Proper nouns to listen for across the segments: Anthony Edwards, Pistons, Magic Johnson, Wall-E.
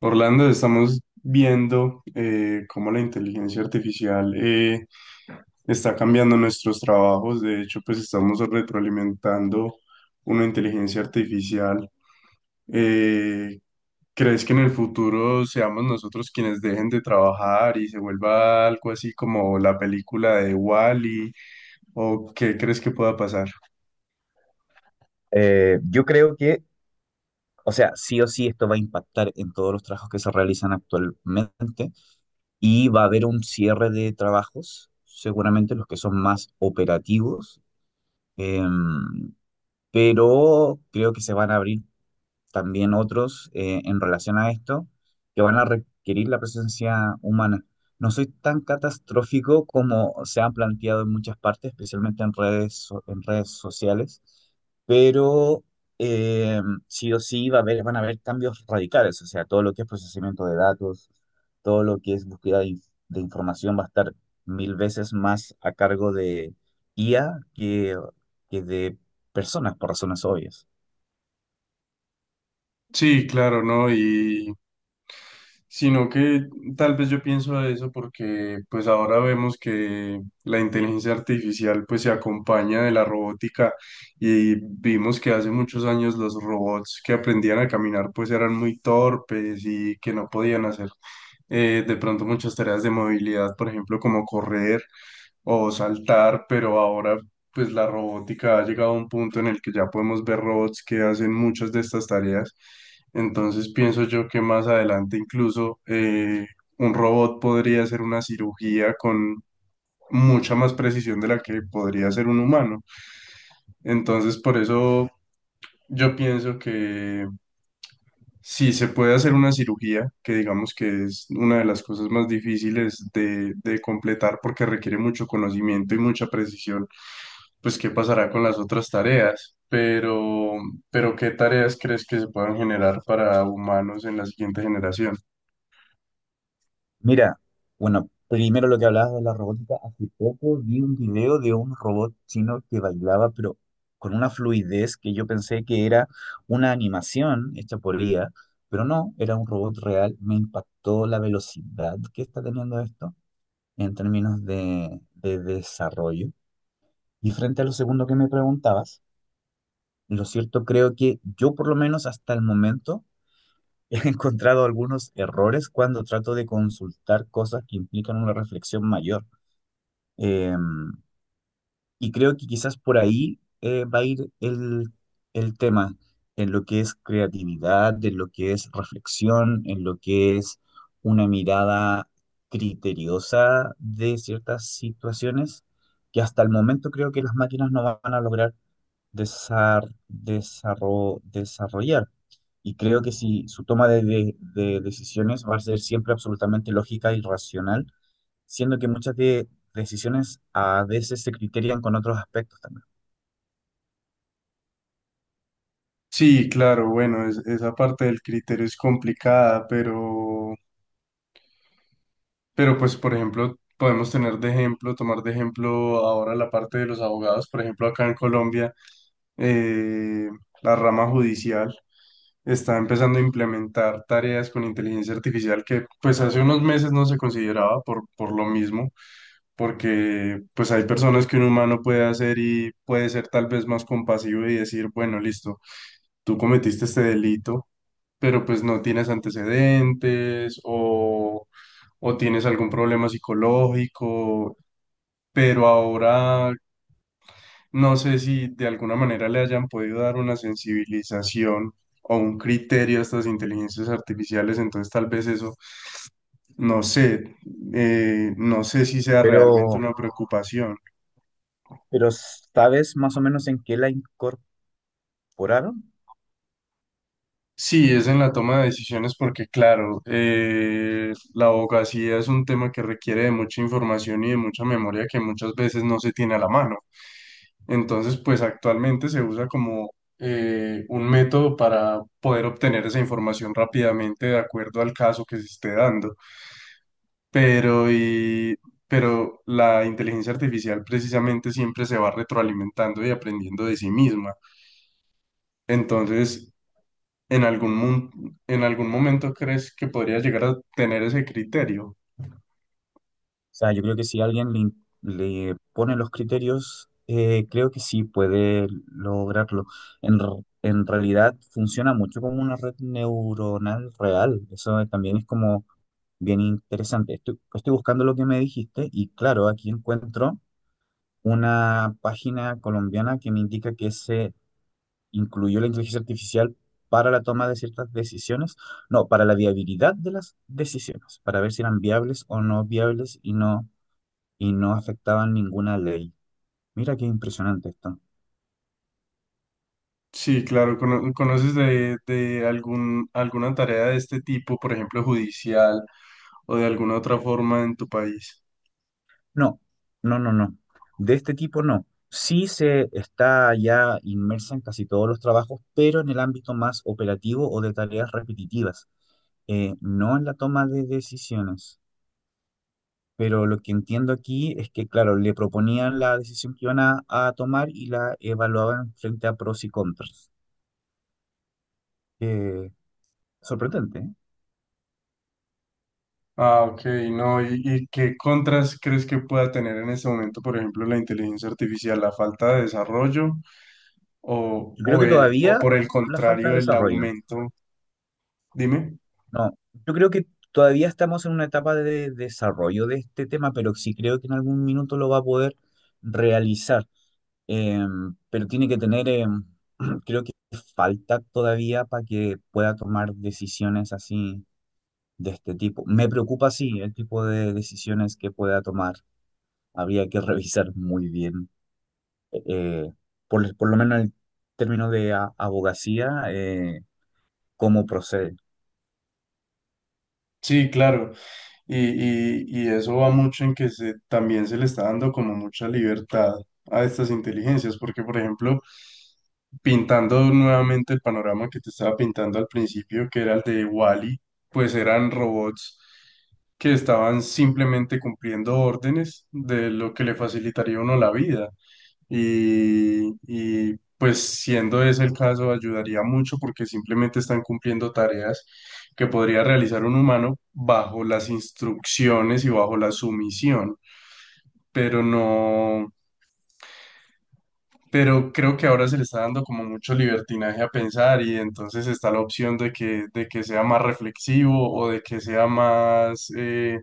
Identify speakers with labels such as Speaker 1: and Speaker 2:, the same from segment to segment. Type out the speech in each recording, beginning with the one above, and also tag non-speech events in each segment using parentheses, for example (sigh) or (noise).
Speaker 1: Orlando, estamos viendo cómo la inteligencia artificial está cambiando nuestros trabajos. De hecho, pues estamos retroalimentando una inteligencia artificial. Eh, ¿Crees que en el futuro seamos nosotros quienes dejen de trabajar y se vuelva algo así como la película de Wall-E? ¿O qué crees que pueda pasar?
Speaker 2: Yo creo que, o sea, sí o sí esto va a impactar en todos los trabajos que se realizan actualmente y va a haber un cierre de trabajos, seguramente los que son más operativos, em, pero creo que se van a abrir también otros en relación a esto que van a requerir la presencia humana. No soy tan catastrófico como se han planteado en muchas partes, especialmente en redes, en redes sociales, pero eh, sí o sí va a haber, van a haber cambios radicales, o sea, todo lo que es procesamiento de datos, todo lo que es búsqueda de información va a estar mil veces más a cargo de IA que de personas, por razones obvias.
Speaker 1: Sí, claro, ¿no? Y sino que tal vez yo pienso a eso porque pues ahora vemos que la inteligencia artificial pues se acompaña de la robótica y vimos que hace muchos años los robots que aprendían a caminar pues eran muy torpes y que no podían hacer de pronto muchas tareas de movilidad, por ejemplo, como correr o saltar, pero ahora pues la robótica ha llegado a un punto en el que ya podemos ver robots que hacen muchas de estas tareas. Entonces pienso yo que más adelante incluso un robot podría hacer una cirugía con mucha más precisión de la que podría hacer un humano. Entonces por eso yo pienso que si se puede hacer una cirugía, que digamos que es una de las cosas más difíciles de completar porque requiere mucho conocimiento y mucha precisión, pues qué pasará con las otras tareas. Pero ¿qué tareas crees que se puedan generar para humanos en la siguiente generación?
Speaker 2: Mira, bueno, primero lo que hablabas de la robótica, hace poco vi un video de un robot chino que bailaba, pero con una fluidez que yo pensé que era una animación hecha por IA, pero no, era un robot real. Me impactó la velocidad que está teniendo esto en términos de desarrollo. Y frente a lo segundo que me preguntabas, lo cierto creo que yo por lo menos hasta el momento... He (laughs) encontrado algunos errores cuando trato de consultar cosas que implican una reflexión mayor. Eh, y creo que quizás por ahí va a ir el tema, en lo que es creatividad, en lo que es reflexión, en lo que es una mirada criteriosa de ciertas situaciones que hasta el momento creo que las máquinas no van a lograr desarrollar. Y creo que si su toma de decisiones va a ser siempre absolutamente lógica y racional, siendo que muchas decisiones a veces se criterian con otros aspectos también.
Speaker 1: Sí, claro, bueno, esa parte del criterio es complicada, pero pues, por ejemplo, podemos tener de ejemplo, tomar de ejemplo ahora la parte de los abogados, por ejemplo, acá en Colombia. Eh, la rama judicial está empezando a implementar tareas con inteligencia artificial que pues hace unos meses no se consideraba por lo mismo, porque pues hay personas que un humano puede hacer y puede ser tal vez más compasivo y decir, bueno, listo, tú cometiste este delito, pero pues no tienes antecedentes o tienes algún problema psicológico. Pero ahora no sé si de alguna manera le hayan podido dar una sensibilización o un criterio a estas inteligencias artificiales, entonces tal vez eso, no sé, no sé si sea realmente
Speaker 2: Pero,
Speaker 1: una preocupación.
Speaker 2: pero ¿sabes más o menos en qué la incorporaron? O
Speaker 1: Sí, es en la toma de decisiones porque, claro, la abogacía es un tema que requiere de mucha información y de mucha memoria que muchas veces no se tiene a la mano. Entonces, pues actualmente se usa como un método para poder obtener esa información rápidamente de acuerdo al caso que se esté dando. Pero, y, pero la inteligencia artificial precisamente siempre se va retroalimentando y aprendiendo de sí misma. Entonces, ¿en algún, en algún momento crees que podría llegar a tener ese criterio?
Speaker 2: sea, yo creo que si alguien le pone los criterios, creo que sí puede lograrlo. En realidad funciona mucho como una red neuronal real. Eso también es como bien interesante. Estoy buscando lo que me dijiste y claro, aquí encuentro una página colombiana que me indica que se incluyó la inteligencia artificial para la toma de ciertas decisiones, no, para la viabilidad de las decisiones, para ver si eran viables o no viables y no afectaban ninguna ley. Mira qué impresionante esto.
Speaker 1: Sí, claro, ¿conoces de algún, alguna tarea de este tipo, por ejemplo, judicial o de alguna otra forma en tu país?
Speaker 2: No, no, no, no. De este tipo no. Sí se está ya inmersa en casi todos los trabajos, pero en el ámbito más operativo o de tareas repetitivas, no en la toma de decisiones. Pero lo que entiendo aquí es que, claro, le proponían la decisión que iban a tomar y la evaluaban frente a pros y contras. Eh, sorprendente, ¿eh?
Speaker 1: Ah, ok, no, y qué contras crees que pueda tener en este momento, por ejemplo, la inteligencia artificial, la falta de desarrollo
Speaker 2: Yo creo
Speaker 1: o,
Speaker 2: que
Speaker 1: o
Speaker 2: todavía
Speaker 1: por el
Speaker 2: la falta de
Speaker 1: contrario, el
Speaker 2: desarrollo.
Speaker 1: aumento? Dime.
Speaker 2: No, yo creo que todavía estamos en una etapa de desarrollo de este tema, pero sí creo que en algún minuto lo va a poder realizar. Eh, pero tiene que tener, (clears throat) creo que falta todavía para que pueda tomar decisiones así de este tipo. Me preocupa, sí, el tipo de decisiones que pueda tomar. Habría que (laughs) revisar muy bien, eh, por lo menos en el término de abogacía, cómo procede.
Speaker 1: Sí, claro. Y, y eso va mucho en que se, también se le está dando como mucha libertad a estas inteligencias, porque por ejemplo, pintando nuevamente el panorama que te estaba pintando al principio, que era el de Wall-E, pues eran robots que estaban simplemente cumpliendo órdenes de lo que le facilitaría a uno la vida. Y, pues siendo ese el caso, ayudaría mucho porque simplemente están cumpliendo tareas que podría realizar un humano bajo las instrucciones y bajo la sumisión, pero no, pero creo que ahora se le está dando como mucho libertinaje a pensar y entonces está la opción de que sea más reflexivo o de que sea más,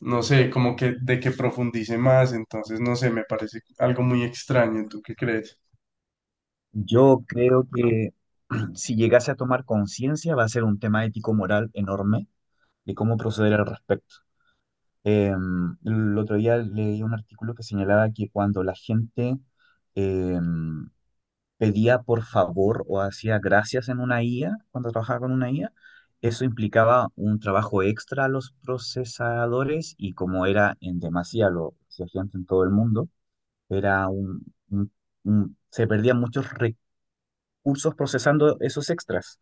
Speaker 1: no sé, como que de que profundice más, entonces no sé, me parece algo muy extraño, ¿tú qué crees?
Speaker 2: Yo creo que (clears throat) si llegase a tomar conciencia, va a ser un tema ético-moral enorme de cómo proceder al respecto. Eh, el otro día leí un artículo que señalaba que cuando la gente... eh, pedía por favor o hacía gracias en una IA, cuando trabajaba con una IA, eso implicaba un trabajo extra a los procesadores y como era en demasía, lo hacía gente en todo el mundo, era un- un, se perdían muchos recursos procesando esos extras,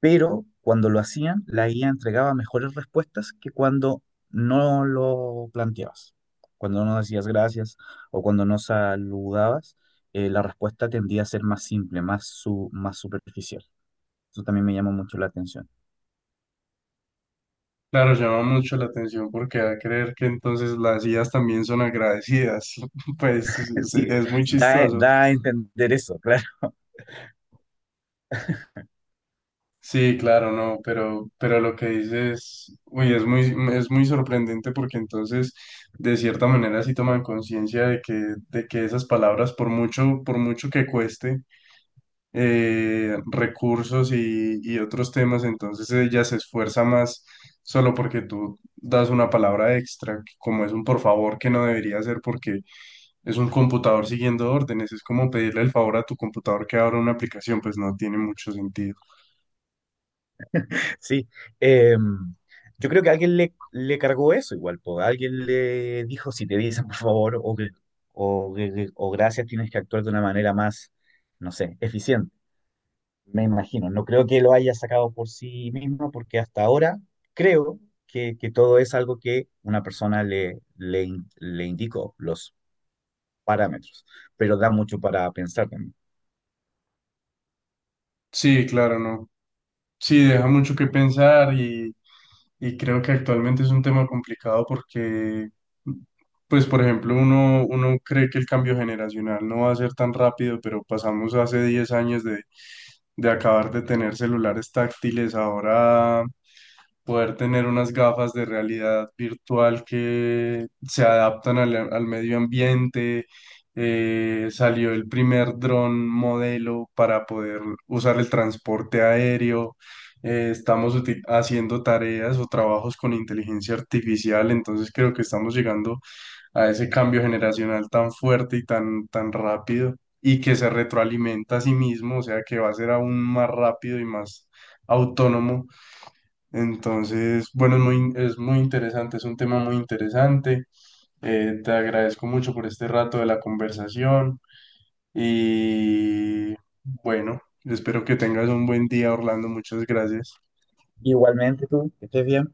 Speaker 2: pero cuando lo hacían, la IA entregaba mejores respuestas que cuando no lo planteabas. Cuando no decías gracias o cuando no saludabas, la respuesta tendía a ser más simple, más superficial. Eso también me llamó mucho la atención.
Speaker 1: Claro, llama mucho la atención porque da a creer que entonces las IAs también son agradecidas. (laughs) Pues
Speaker 2: (laughs)
Speaker 1: es
Speaker 2: Sí,
Speaker 1: es muy chistoso.
Speaker 2: da a entender eso, (laughs) claro.
Speaker 1: Sí, claro, no, pero lo que dices, uy, es muy sorprendente porque entonces de cierta manera sí toman conciencia de que esas palabras, por mucho que cueste, recursos y otros temas, entonces ella se esfuerza más solo porque tú das una palabra extra, que como es un por favor que no debería hacer porque es un computador siguiendo órdenes, es como pedirle el favor a tu computador que abra una aplicación, pues no tiene mucho sentido.
Speaker 2: Sí. Eh, yo creo que le cargó eso igual, po. Alguien le dijo, si te dicen por favor o gracias, tienes que actuar de una manera más, no sé, eficiente. Me imagino, no creo que lo haya sacado por sí mismo, porque hasta ahora creo que todo es algo que una persona le indicó, los parámetros, pero da mucho para pensar también.
Speaker 1: Sí, claro, no. Sí, deja mucho que pensar y creo que actualmente es un tema complicado porque, pues, por ejemplo, uno, uno cree que el cambio generacional no va a ser tan rápido, pero pasamos hace 10 años de acabar de tener celulares táctiles, ahora poder tener unas gafas de realidad virtual que se adaptan al, al medio ambiente. Salió el primer dron modelo para poder usar el transporte aéreo. Eh, estamos haciendo tareas o trabajos con inteligencia artificial, entonces creo que estamos llegando a ese cambio generacional tan fuerte y tan, tan rápido y que se retroalimenta a sí mismo, o sea que va a ser aún más rápido y más autónomo. Entonces, bueno, es muy interesante, es un tema muy interesante. Te agradezco mucho por este rato de la conversación y bueno, espero que tengas un buen día, Orlando. Muchas gracias.
Speaker 2: Igualmente tú, que estés bien.